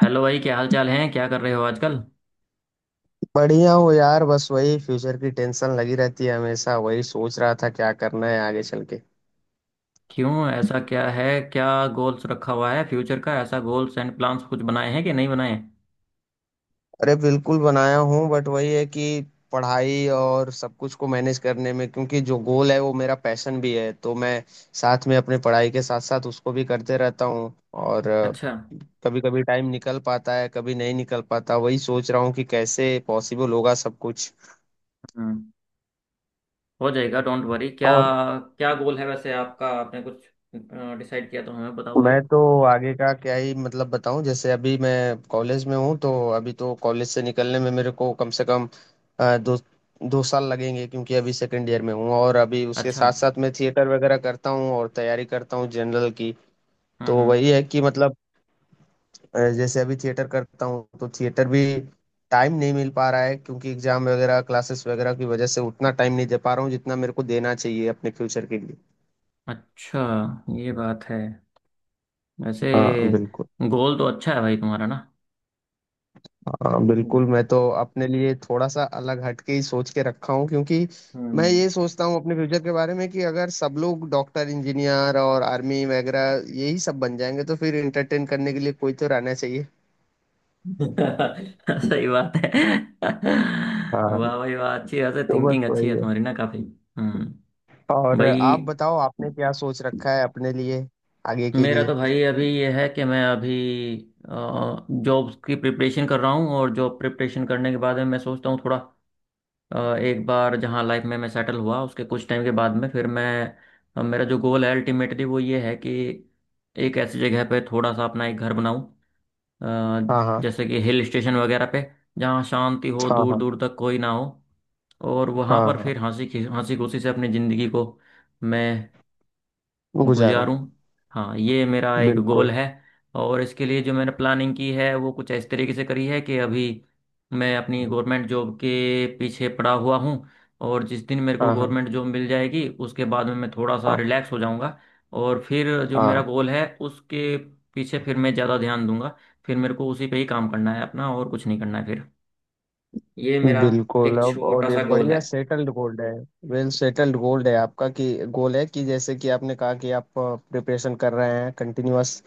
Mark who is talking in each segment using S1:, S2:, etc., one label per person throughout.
S1: Hello भाई, क्या हाल चाल है? क्या कर रहे हो आजकल?
S2: बढ़िया हो यार। बस वही फ्यूचर की टेंशन लगी रहती है हमेशा। वही सोच रहा था क्या करना है आगे चल के।
S1: क्यों, ऐसा क्या है? क्या गोल्स रखा हुआ है फ्यूचर का? ऐसा गोल्स एंड प्लान्स कुछ बनाए हैं कि नहीं बनाए हैं?
S2: अरे बिल्कुल बनाया हूँ, बट वही है कि पढ़ाई और सब कुछ को मैनेज करने में, क्योंकि जो गोल है वो मेरा पैशन भी है तो मैं साथ में अपने पढ़ाई के साथ साथ उसको भी करते रहता हूँ। और
S1: अच्छा।
S2: कभी कभी टाइम निकल पाता है, कभी नहीं निकल पाता। वही सोच रहा हूँ कि कैसे पॉसिबल होगा सब कुछ।
S1: हम्म। हो जाएगा, डोंट वरी। क्या
S2: और
S1: क्या गोल है वैसे आपका? आपने कुछ डिसाइड किया तो हमें बताओ भाई।
S2: मैं तो आगे का क्या ही मतलब बताऊं। जैसे अभी मैं कॉलेज में हूं तो अभी तो कॉलेज से निकलने में मेरे को कम से कम दो दो साल लगेंगे, क्योंकि अभी 2nd ईयर में हूं। और अभी उसके
S1: अच्छा।
S2: साथ साथ मैं थिएटर वगैरह करता हूं और तैयारी करता हूं जनरल की। तो वही
S1: हम्म।
S2: है कि मतलब जैसे अभी थिएटर करता हूं तो थिएटर भी टाइम नहीं मिल पा रहा है, क्योंकि एग्जाम वगैरह क्लासेस वगैरह की वजह से उतना टाइम नहीं दे पा रहा हूँ जितना मेरे को देना चाहिए अपने फ्यूचर के लिए।
S1: अच्छा, ये बात है। वैसे
S2: हाँ बिल्कुल।
S1: गोल तो अच्छा है भाई तुम्हारा ना।
S2: हाँ बिल्कुल, मैं तो अपने लिए थोड़ा सा अलग हटके ही सोच के रखा हूँ। क्योंकि मैं
S1: हम्म।
S2: ये सोचता हूँ अपने फ्यूचर के बारे में, कि अगर सब लोग डॉक्टर इंजीनियर और आर्मी वगैरह यही सब बन जाएंगे तो फिर एंटरटेन करने के लिए कोई तो रहना चाहिए।
S1: सही बात है।
S2: हाँ।
S1: वाह भाई वाह, अच्छी वैसे
S2: तो बस
S1: थिंकिंग अच्छी
S2: वही
S1: है
S2: है।
S1: तुम्हारी ना काफी। हम्म।
S2: और
S1: भाई
S2: आप बताओ, आपने क्या सोच रखा है अपने लिए आगे के
S1: मेरा
S2: लिए।
S1: तो भाई अभी ये है कि मैं अभी जॉब की प्रिपरेशन कर रहा हूँ, और जॉब प्रिपरेशन करने के बाद में मैं सोचता हूँ थोड़ा एक बार जहाँ लाइफ में मैं सेटल हुआ उसके कुछ टाइम के बाद में फिर मैं मेरा जो गोल है अल्टीमेटली वो ये है कि एक ऐसी जगह पे थोड़ा सा अपना एक घर बनाऊँ,
S2: हाँ हाँ।
S1: जैसे कि हिल स्टेशन वगैरह पे, जहाँ शांति हो,
S2: हाँ
S1: दूर
S2: हाँ।
S1: दूर तक कोई ना हो, और वहाँ
S2: हाँ
S1: पर
S2: हाँ।
S1: फिर हंसी खुशी से अपनी ज़िंदगी को मैं
S2: गुजारूं।
S1: गुजारूं। हाँ, ये मेरा एक
S2: बिल्कुल।
S1: गोल है। और इसके लिए जो मैंने प्लानिंग की है वो कुछ इस तरीके से करी है कि अभी मैं अपनी गवर्नमेंट जॉब के पीछे पड़ा हुआ हूँ, और जिस दिन मेरे को
S2: हाँ हाँ।
S1: गवर्नमेंट जॉब मिल जाएगी उसके बाद में मैं थोड़ा सा
S2: हाँ
S1: रिलैक्स हो जाऊंगा, और फिर जो मेरा
S2: हाँ।
S1: गोल है उसके पीछे फिर मैं ज़्यादा ध्यान दूंगा। फिर मेरे को उसी पे ही काम करना है अपना, और कुछ नहीं करना है फिर। ये मेरा
S2: बिल्कुल।
S1: एक
S2: अब
S1: छोटा
S2: और ये
S1: सा गोल
S2: बढ़िया
S1: है।
S2: सेटल्ड गोल्ड है। वेल सेटल्ड गोल्ड है आपका, कि गोल है कि जैसे कि आपने कहा कि आप प्रिपरेशन कर रहे हैं कंटिन्यूअस,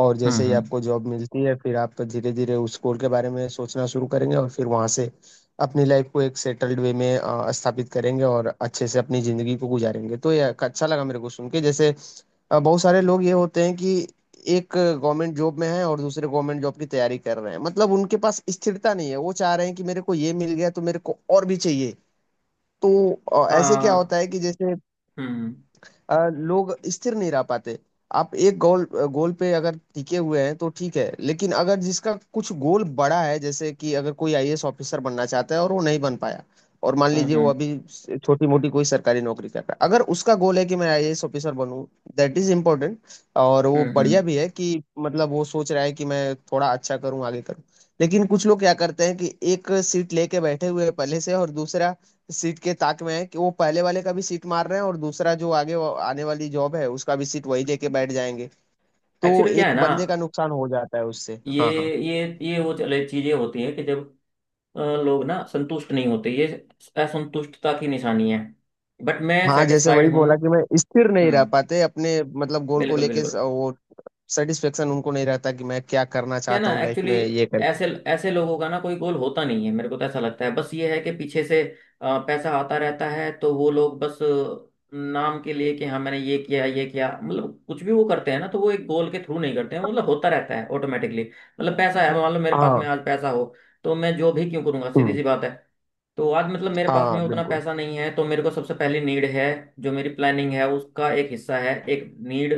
S2: और जैसे ही
S1: हम्म।
S2: आपको जॉब मिलती है फिर आप धीरे धीरे उस गोल के बारे में सोचना शुरू करेंगे, और फिर वहां से अपनी लाइफ को एक सेटल्ड वे में स्थापित करेंगे और अच्छे से अपनी जिंदगी को गुजारेंगे। तो ये अच्छा लगा मेरे को सुन के। जैसे बहुत सारे लोग ये होते हैं कि एक गवर्नमेंट जॉब में है और दूसरे गवर्नमेंट जॉब की तैयारी कर रहे हैं, मतलब उनके पास स्थिरता नहीं है। वो चाह रहे हैं कि मेरे को ये मिल गया तो मेरे को और भी चाहिए। तो ऐसे क्या
S1: हाँ।
S2: होता है कि जैसे
S1: हम्म
S2: लोग स्थिर नहीं रह पाते। आप एक गोल गोल पे अगर टिके हुए हैं तो ठीक है, लेकिन अगर जिसका कुछ गोल बड़ा है जैसे कि अगर कोई आईएएस ऑफिसर बनना चाहता है और वो नहीं बन पाया, और मान लीजिए वो
S1: हम्म।
S2: अभी छोटी मोटी कोई सरकारी नौकरी कर रहा है, अगर उसका गोल है कि मैं आईएएस ऑफिसर बनूं, दैट इज इम्पोर्टेंट। और वो बढ़िया
S1: हम्म।
S2: भी है कि मतलब वो सोच रहा है कि मैं थोड़ा अच्छा करूं, आगे करूं। लेकिन कुछ लोग क्या करते हैं कि एक सीट लेके बैठे हुए हैं पहले से, और दूसरा सीट के ताक में है, कि वो पहले वाले का भी सीट मार रहे हैं और दूसरा जो आगे आने वाली जॉब है उसका भी सीट वही लेके बैठ जाएंगे। तो
S1: एक्चुअली क्या है
S2: एक
S1: ना,
S2: बंदे का नुकसान हो जाता है उससे।
S1: ये
S2: हाँ हाँ।
S1: ये वो चले चीजें होती हैं कि जब लोग ना संतुष्ट नहीं होते, ये असंतुष्टता की निशानी है। बट मैं
S2: हाँ, जैसे वही
S1: सेटिस्फाइड हूँ।
S2: बोला कि मैं स्थिर नहीं रह
S1: हम्म।
S2: पाते अपने मतलब गोल को
S1: बिल्कुल
S2: लेके
S1: बिल्कुल।
S2: वो सेटिस्फेक्शन उनको नहीं रहता कि मैं क्या करना
S1: क्या
S2: चाहता
S1: ना
S2: हूँ लाइफ
S1: एक्चुअली,
S2: में ये करके।
S1: ऐसे ऐसे लोगों का ना कोई गोल होता नहीं है, मेरे को तो ऐसा लगता है। बस ये है कि पीछे से पैसा आता रहता है तो वो लोग बस नाम के लिए कि हाँ मैंने ये किया ये किया, मतलब कुछ भी वो करते हैं ना तो वो एक गोल के थ्रू नहीं करते हैं, मतलब होता रहता है ऑटोमेटिकली। मतलब पैसा है, मान लो मेरे पास में
S2: हाँ।
S1: आज पैसा हो तो मैं जो भी क्यों करूंगा, सीधी
S2: हम्म।
S1: सी बात है। तो आज मतलब मेरे पास में
S2: हाँ
S1: उतना
S2: बिल्कुल।
S1: पैसा नहीं है तो मेरे को सबसे पहली नीड है, जो मेरी प्लानिंग है उसका एक हिस्सा है, एक नीड,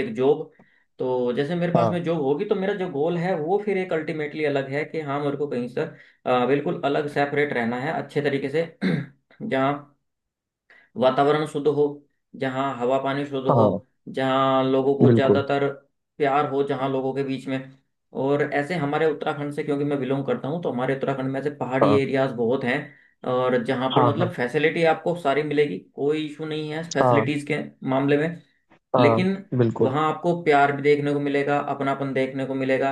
S1: एक जॉब। तो जैसे मेरे पास
S2: हाँ
S1: में जॉब होगी तो मेरा जो गोल है वो फिर एक अल्टीमेटली अलग है कि हाँ मेरे को कहीं से बिल्कुल अलग सेपरेट रहना है, अच्छे तरीके से जहाँ वातावरण शुद्ध हो, जहाँ हवा पानी शुद्ध हो,
S2: हाँ।
S1: जहाँ लोगों को
S2: बिल्कुल।
S1: ज़्यादातर प्यार हो जहाँ लोगों के बीच में। और ऐसे हमारे उत्तराखंड से क्योंकि मैं बिलोंग करता हूँ, तो हमारे उत्तराखंड में ऐसे पहाड़ी
S2: हाँ
S1: एरियाज बहुत हैं, और जहाँ पर
S2: हाँ हाँ।
S1: मतलब फैसिलिटी आपको सारी मिलेगी, कोई इशू नहीं है
S2: हाँ
S1: फैसिलिटीज़ के मामले में।
S2: हाँ।
S1: लेकिन
S2: बिल्कुल
S1: वहां आपको प्यार भी देखने को मिलेगा, अपनापन देखने को मिलेगा।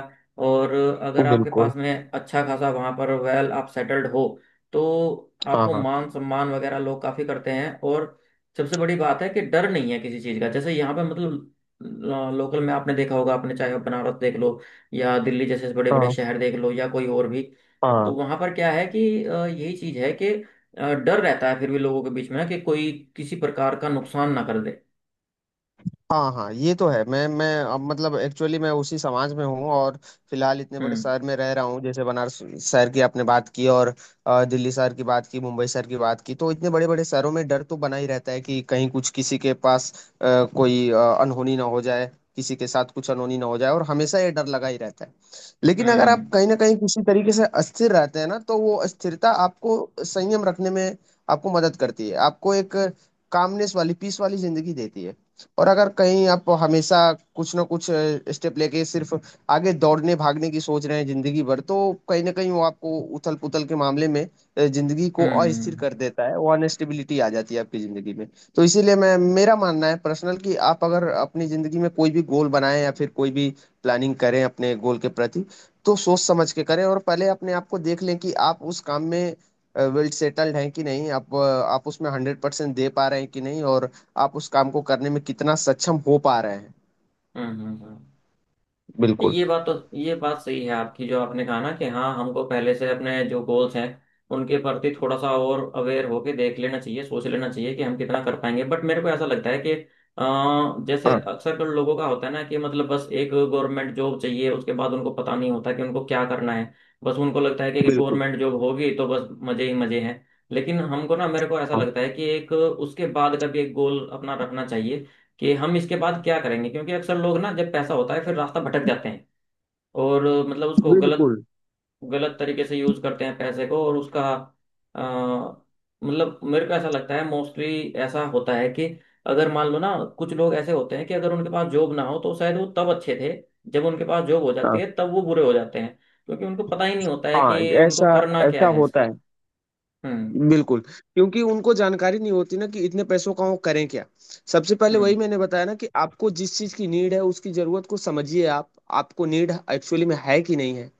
S1: और अगर आपके
S2: बिल्कुल।
S1: पास में अच्छा खासा वहां पर वेल आप सेटल्ड हो तो
S2: हाँ
S1: आपको
S2: हाँ।
S1: मान सम्मान वगैरह लोग काफी करते हैं। और सबसे बड़ी बात है कि डर नहीं है किसी चीज का, जैसे यहाँ पे मतलब लोकल में आपने देखा होगा, आपने चाहे आप बनारस देख लो या दिल्ली जैसे बड़े बड़े
S2: हाँ
S1: शहर देख लो या कोई और भी,
S2: हाँ।
S1: तो वहां पर क्या है कि यही चीज है कि डर रहता है फिर भी लोगों के बीच में कि कोई किसी प्रकार का नुकसान ना कर दे।
S2: हाँ हाँ। ये तो है। मैं अब मतलब एक्चुअली मैं उसी समाज में हूँ और फिलहाल इतने बड़े
S1: हम्म
S2: शहर में रह रहा हूँ। जैसे बनारस शहर की आपने बात की, और दिल्ली शहर की बात की, मुंबई शहर की बात की, तो इतने बड़े बड़े शहरों में डर तो बना ही रहता है कि कहीं कुछ किसी के पास कोई अनहोनी ना हो जाए, किसी के साथ कुछ अनहोनी ना हो जाए, और हमेशा ये डर लगा ही रहता है। लेकिन अगर
S1: हम्म।
S2: आप कहीं ना कहीं किसी तरीके से अस्थिर रहते हैं ना तो वो अस्थिरता आपको संयम रखने में आपको मदद करती है, आपको एक कामनेस वाली पीस वाली जिंदगी देती है। और अगर कहीं आप हमेशा कुछ ना कुछ स्टेप लेके सिर्फ आगे दौड़ने भागने की सोच रहे हैं जिंदगी भर, तो कहीं ना कहीं वो आपको उथल पुथल के मामले में जिंदगी को
S1: हम्म
S2: अस्थिर कर देता है, वो अनस्टेबिलिटी आ जाती है आपकी जिंदगी में। तो इसीलिए मैं, मेरा मानना है पर्सनल, कि आप अगर अपनी जिंदगी में कोई भी गोल बनाएं या फिर कोई भी प्लानिंग करें अपने गोल के प्रति, तो सोच समझ के करें, और पहले अपने आप को देख लें कि आप उस काम में वेल सेटल्ड हैं कि नहीं, आप आप उसमें 100% दे पा रहे हैं कि नहीं, और आप उस काम को करने में कितना सक्षम हो पा रहे हैं।
S1: हम्म।
S2: बिल्कुल।
S1: ये बात तो, ये बात सही है आपकी जो आपने कहा ना कि हाँ हमको पहले से अपने जो गोल्स हैं उनके प्रति थोड़ा सा और अवेयर होके देख लेना चाहिए, सोच लेना चाहिए कि हम कितना कर पाएंगे। बट मेरे को ऐसा लगता है कि जैसे
S2: हाँ।
S1: अक्सर कर लोगों का होता है ना कि मतलब बस एक गवर्नमेंट जॉब चाहिए, उसके बाद उनको पता नहीं होता कि उनको क्या करना है। बस उनको लगता है कि
S2: बिल्कुल।
S1: गवर्नमेंट जॉब होगी तो बस मजे ही मजे हैं। लेकिन हमको ना, मेरे को ऐसा
S2: हाँ।
S1: लगता है कि एक उसके बाद का भी एक गोल अपना रखना चाहिए कि हम इसके बाद क्या करेंगे, क्योंकि अक्सर लोग ना जब पैसा होता है फिर रास्ता भटक जाते हैं और मतलब उसको गलत
S2: बिल्कुल।
S1: गलत तरीके से यूज करते हैं पैसे को और उसका अ, मतलब मेरे को ऐसा लगता है मोस्टली ऐसा होता है कि अगर मान लो ना, कुछ लोग ऐसे होते हैं कि अगर उनके पास जॉब ना हो तो शायद वो तब अच्छे थे, जब उनके पास जॉब हो जाती
S2: हाँ
S1: है तब वो बुरे हो जाते हैं, क्योंकि उनको पता ही नहीं होता है
S2: हाँ।
S1: कि उनको
S2: ऐसा,
S1: करना क्या
S2: ऐसा
S1: है इसका।
S2: होता है।
S1: हम्म
S2: बिल्कुल, क्योंकि उनको जानकारी नहीं होती ना कि इतने पैसों का वो करें क्या। सबसे पहले वही
S1: हम्म।
S2: मैंने बताया ना कि आपको जिस चीज की नीड है उसकी जरूरत को समझिए आप। आपको नीड एक्चुअली में है कि नहीं है,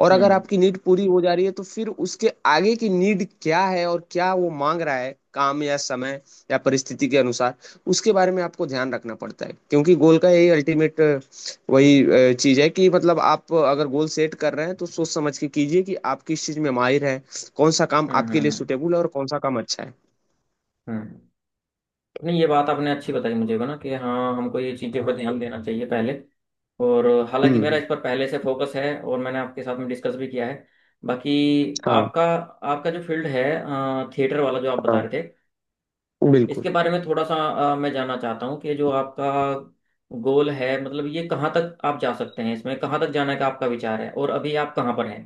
S2: और अगर
S1: हम्म
S2: आपकी नीड पूरी हो जा रही है तो फिर उसके आगे की नीड क्या है, और क्या वो मांग रहा है काम, या समय, या परिस्थिति के अनुसार, उसके बारे में आपको ध्यान रखना पड़ता है। क्योंकि गोल का यही अल्टीमेट, वही चीज है कि मतलब आप अगर गोल सेट कर रहे हैं तो सोच समझ के कीजिए कि आप किस चीज में माहिर है, कौन सा काम आपके लिए
S1: हम्म।
S2: सुटेबल है, और कौन सा काम अच्छा है।
S1: हम्म। नहीं, ये बात आपने अच्छी बताई मुझे ना कि हाँ हमको ये चीज़ों पर ध्यान देना चाहिए पहले। और हालांकि मेरा
S2: हम्म।
S1: इस पर पहले से फोकस है और मैंने आपके साथ में डिस्कस भी किया है। बाकी
S2: हाँ।
S1: आपका, आपका जो फील्ड है थिएटर वाला जो आप बता
S2: हाँ।
S1: रहे थे,
S2: बिल्कुल।
S1: इसके बारे में थोड़ा सा मैं जानना चाहता हूँ कि जो आपका गोल है मतलब ये कहाँ तक आप जा सकते हैं, इसमें कहाँ तक जाने का आपका विचार है, और अभी आप कहाँ पर हैं।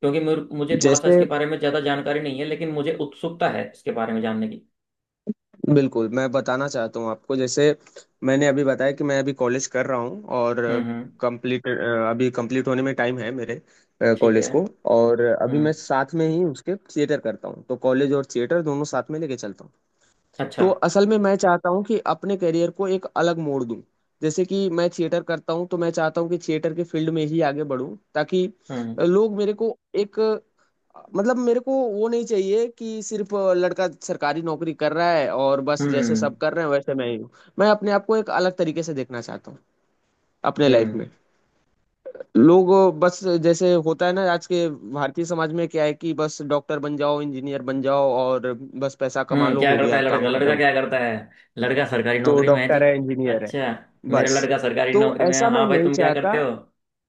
S1: क्योंकि मुझे थोड़ा सा
S2: जैसे
S1: इसके बारे में ज़्यादा जानकारी नहीं है, लेकिन मुझे उत्सुकता है इसके बारे में जानने की।
S2: बिल्कुल मैं बताना चाहता हूँ आपको। जैसे मैंने अभी बताया कि मैं अभी कॉलेज कर रहा हूँ और
S1: हम्म।
S2: कंप्लीट, अभी कंप्लीट होने में टाइम है मेरे
S1: ठीक
S2: कॉलेज
S1: है।
S2: को, और अभी मैं
S1: हम्म।
S2: साथ में ही उसके थिएटर करता हूँ, तो कॉलेज और थिएटर दोनों साथ में लेके चलता हूँ।
S1: अच्छा।
S2: तो असल में मैं चाहता हूँ कि अपने करियर को एक अलग मोड़ दूं। जैसे कि मैं थिएटर करता हूँ तो मैं चाहता हूँ कि थिएटर के फील्ड में ही आगे बढूं, ताकि
S1: हम्म
S2: लोग मेरे को एक, मतलब मेरे को वो नहीं चाहिए कि सिर्फ लड़का सरकारी नौकरी कर रहा है और बस जैसे
S1: हम्म।
S2: सब कर रहे हैं वैसे मैं ही हूँ। मैं अपने आप को एक अलग तरीके से देखना चाहता हूँ अपने लाइफ में।
S1: हम्म
S2: लोग, बस जैसे होता है ना आज के भारतीय समाज में क्या है कि बस डॉक्टर बन जाओ, इंजीनियर बन जाओ, और बस पैसा कमा
S1: हम्म।
S2: लो,
S1: क्या
S2: हो
S1: करता
S2: गया
S1: है
S2: काम
S1: लड़का? लड़का
S2: खत्म।
S1: क्या करता है? लड़का सरकारी
S2: तो
S1: नौकरी में है जी।
S2: डॉक्टर है, इंजीनियर है,
S1: अच्छा। मेरा
S2: बस।
S1: लड़का सरकारी
S2: तो
S1: नौकरी में है।
S2: ऐसा मैं
S1: हाँ भाई,
S2: नहीं
S1: तुम क्या करते
S2: चाहता।
S1: हो?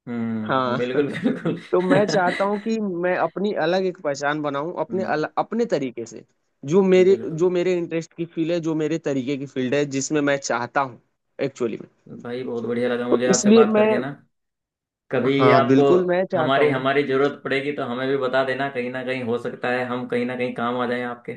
S1: हम्म,
S2: हाँ
S1: बिल्कुल बिल्कुल।
S2: तो मैं चाहता हूँ कि मैं अपनी अलग एक पहचान बनाऊं अपने
S1: हम्म,
S2: अपने तरीके से, जो मेरे,
S1: बिल्कुल।
S2: जो मेरे इंटरेस्ट की फील्ड है, जो मेरे तरीके की फील्ड है, जिसमें मैं चाहता हूँ एक्चुअली में।
S1: भाई बहुत बढ़िया लगा
S2: तो
S1: मुझे आपसे
S2: इसलिए
S1: बात
S2: मैं,
S1: करके ना। कभी
S2: हाँ
S1: आपको
S2: बिल्कुल मैं चाहता
S1: हमारी,
S2: हूँ।
S1: हमारी जरूरत पड़ेगी तो हमें भी बता देना, कहीं ना कहीं हो सकता है हम कहीं ना कहीं काम आ जाएं आपके।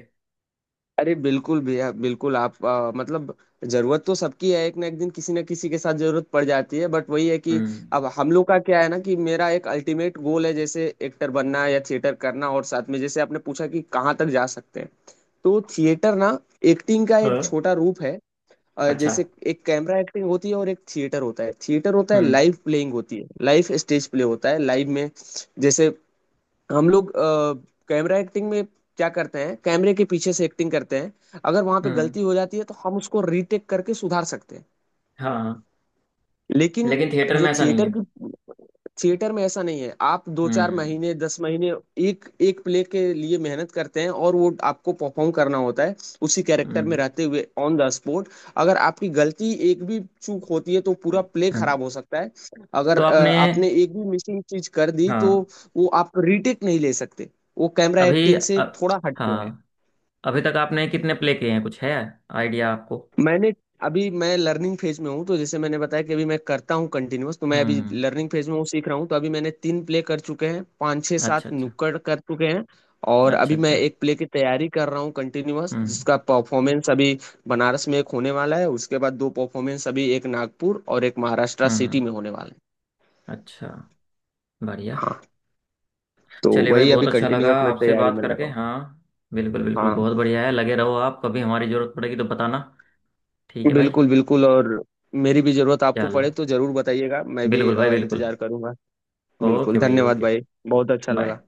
S2: अरे बिल्कुल भैया बिल्कुल, आप मतलब जरूरत तो सबकी है, एक ना एक दिन किसी ना किसी के साथ जरूरत पड़ जाती है। बट वही है कि
S1: हम्म।
S2: अब हम लोग का क्या है ना कि मेरा एक अल्टीमेट गोल है जैसे एक्टर बनना या थिएटर करना, और साथ में जैसे आपने पूछा कि कहाँ तक जा सकते हैं, तो थिएटर ना एक्टिंग का एक
S1: हाँ।
S2: छोटा रूप है।
S1: अच्छा।
S2: जैसे एक कैमरा एक्टिंग होती है और एक थिएटर होता है। थिएटर होता है
S1: हम्म
S2: लाइव प्लेइंग होती है, लाइव स्टेज प्ले होता है लाइव में। जैसे हम लोग कैमरा एक्टिंग में क्या करते हैं, कैमरे के पीछे से एक्टिंग करते हैं, अगर वहां पे
S1: हम्म।
S2: गलती हो जाती है तो हम उसको रीटेक करके सुधार सकते हैं।
S1: हाँ,
S2: लेकिन
S1: लेकिन थिएटर
S2: जो
S1: में ऐसा नहीं
S2: थिएटर
S1: है।
S2: की, थिएटर में ऐसा नहीं है। आप दो चार
S1: हम्म
S2: महीने 10 महीने एक एक प्ले के लिए मेहनत करते हैं, और वो आपको परफॉर्म करना होता है उसी कैरेक्टर में
S1: हम्म।
S2: रहते हुए ऑन द स्पॉट। अगर आपकी गलती एक भी चूक होती है तो पूरा प्ले
S1: हाँ,
S2: खराब हो सकता है।
S1: तो
S2: अगर
S1: आपने।
S2: आपने एक भी मिसिंग चीज कर दी तो
S1: हाँ।
S2: वो आप रीटेक नहीं ले सकते। वो कैमरा
S1: अभी
S2: एक्टिंग से थोड़ा हटके है।
S1: हाँ अभी तक आपने कितने प्ले किए हैं, कुछ है आइडिया आपको?
S2: मैंने, अभी मैं लर्निंग फेज में हूँ, तो जैसे मैंने बताया कि अभी मैं करता हूँ कंटिन्यूअस, तो मैं अभी
S1: हम्म।
S2: लर्निंग फेज में हूँ, सीख रहा हूँ। तो अभी मैंने 3 प्ले कर चुके हैं, पाँच छः
S1: अच्छा
S2: सात
S1: अच्छा।
S2: नुक्कड़ कर चुके हैं। और
S1: अच्छा
S2: अभी मैं
S1: अच्छा।
S2: 1 प्ले की तैयारी कर रहा हूँ कंटिन्यूअस,
S1: हम्म
S2: जिसका परफॉर्मेंस अभी बनारस में एक होने वाला है, उसके बाद 2 परफॉर्मेंस, अभी एक नागपुर और एक महाराष्ट्र
S1: हम्म
S2: सिटी
S1: हम्म,
S2: में होने वाला है।
S1: अच्छा, बढ़िया।
S2: हाँ। तो
S1: चलिए भाई,
S2: वही
S1: बहुत
S2: अभी
S1: अच्छा लगा
S2: कंटिन्यूअस मैं
S1: आपसे
S2: तैयारी
S1: बात
S2: में
S1: करके।
S2: लगा हूँ।
S1: हाँ, बिल्कुल बिल्कुल,
S2: हाँ
S1: बहुत बढ़िया है, लगे रहो आप। कभी हमारी ज़रूरत पड़ेगी तो बताना। ठीक है भाई।
S2: बिल्कुल बिल्कुल। और मेरी भी जरूरत आपको
S1: चलो,
S2: पड़े तो जरूर बताइएगा, मैं भी
S1: बिल्कुल भाई बिल्कुल।
S2: इंतजार करूंगा।
S1: ओके
S2: बिल्कुल
S1: भाई,
S2: धन्यवाद
S1: ओके।
S2: भाई। बहुत अच्छा
S1: बाय।
S2: लगा।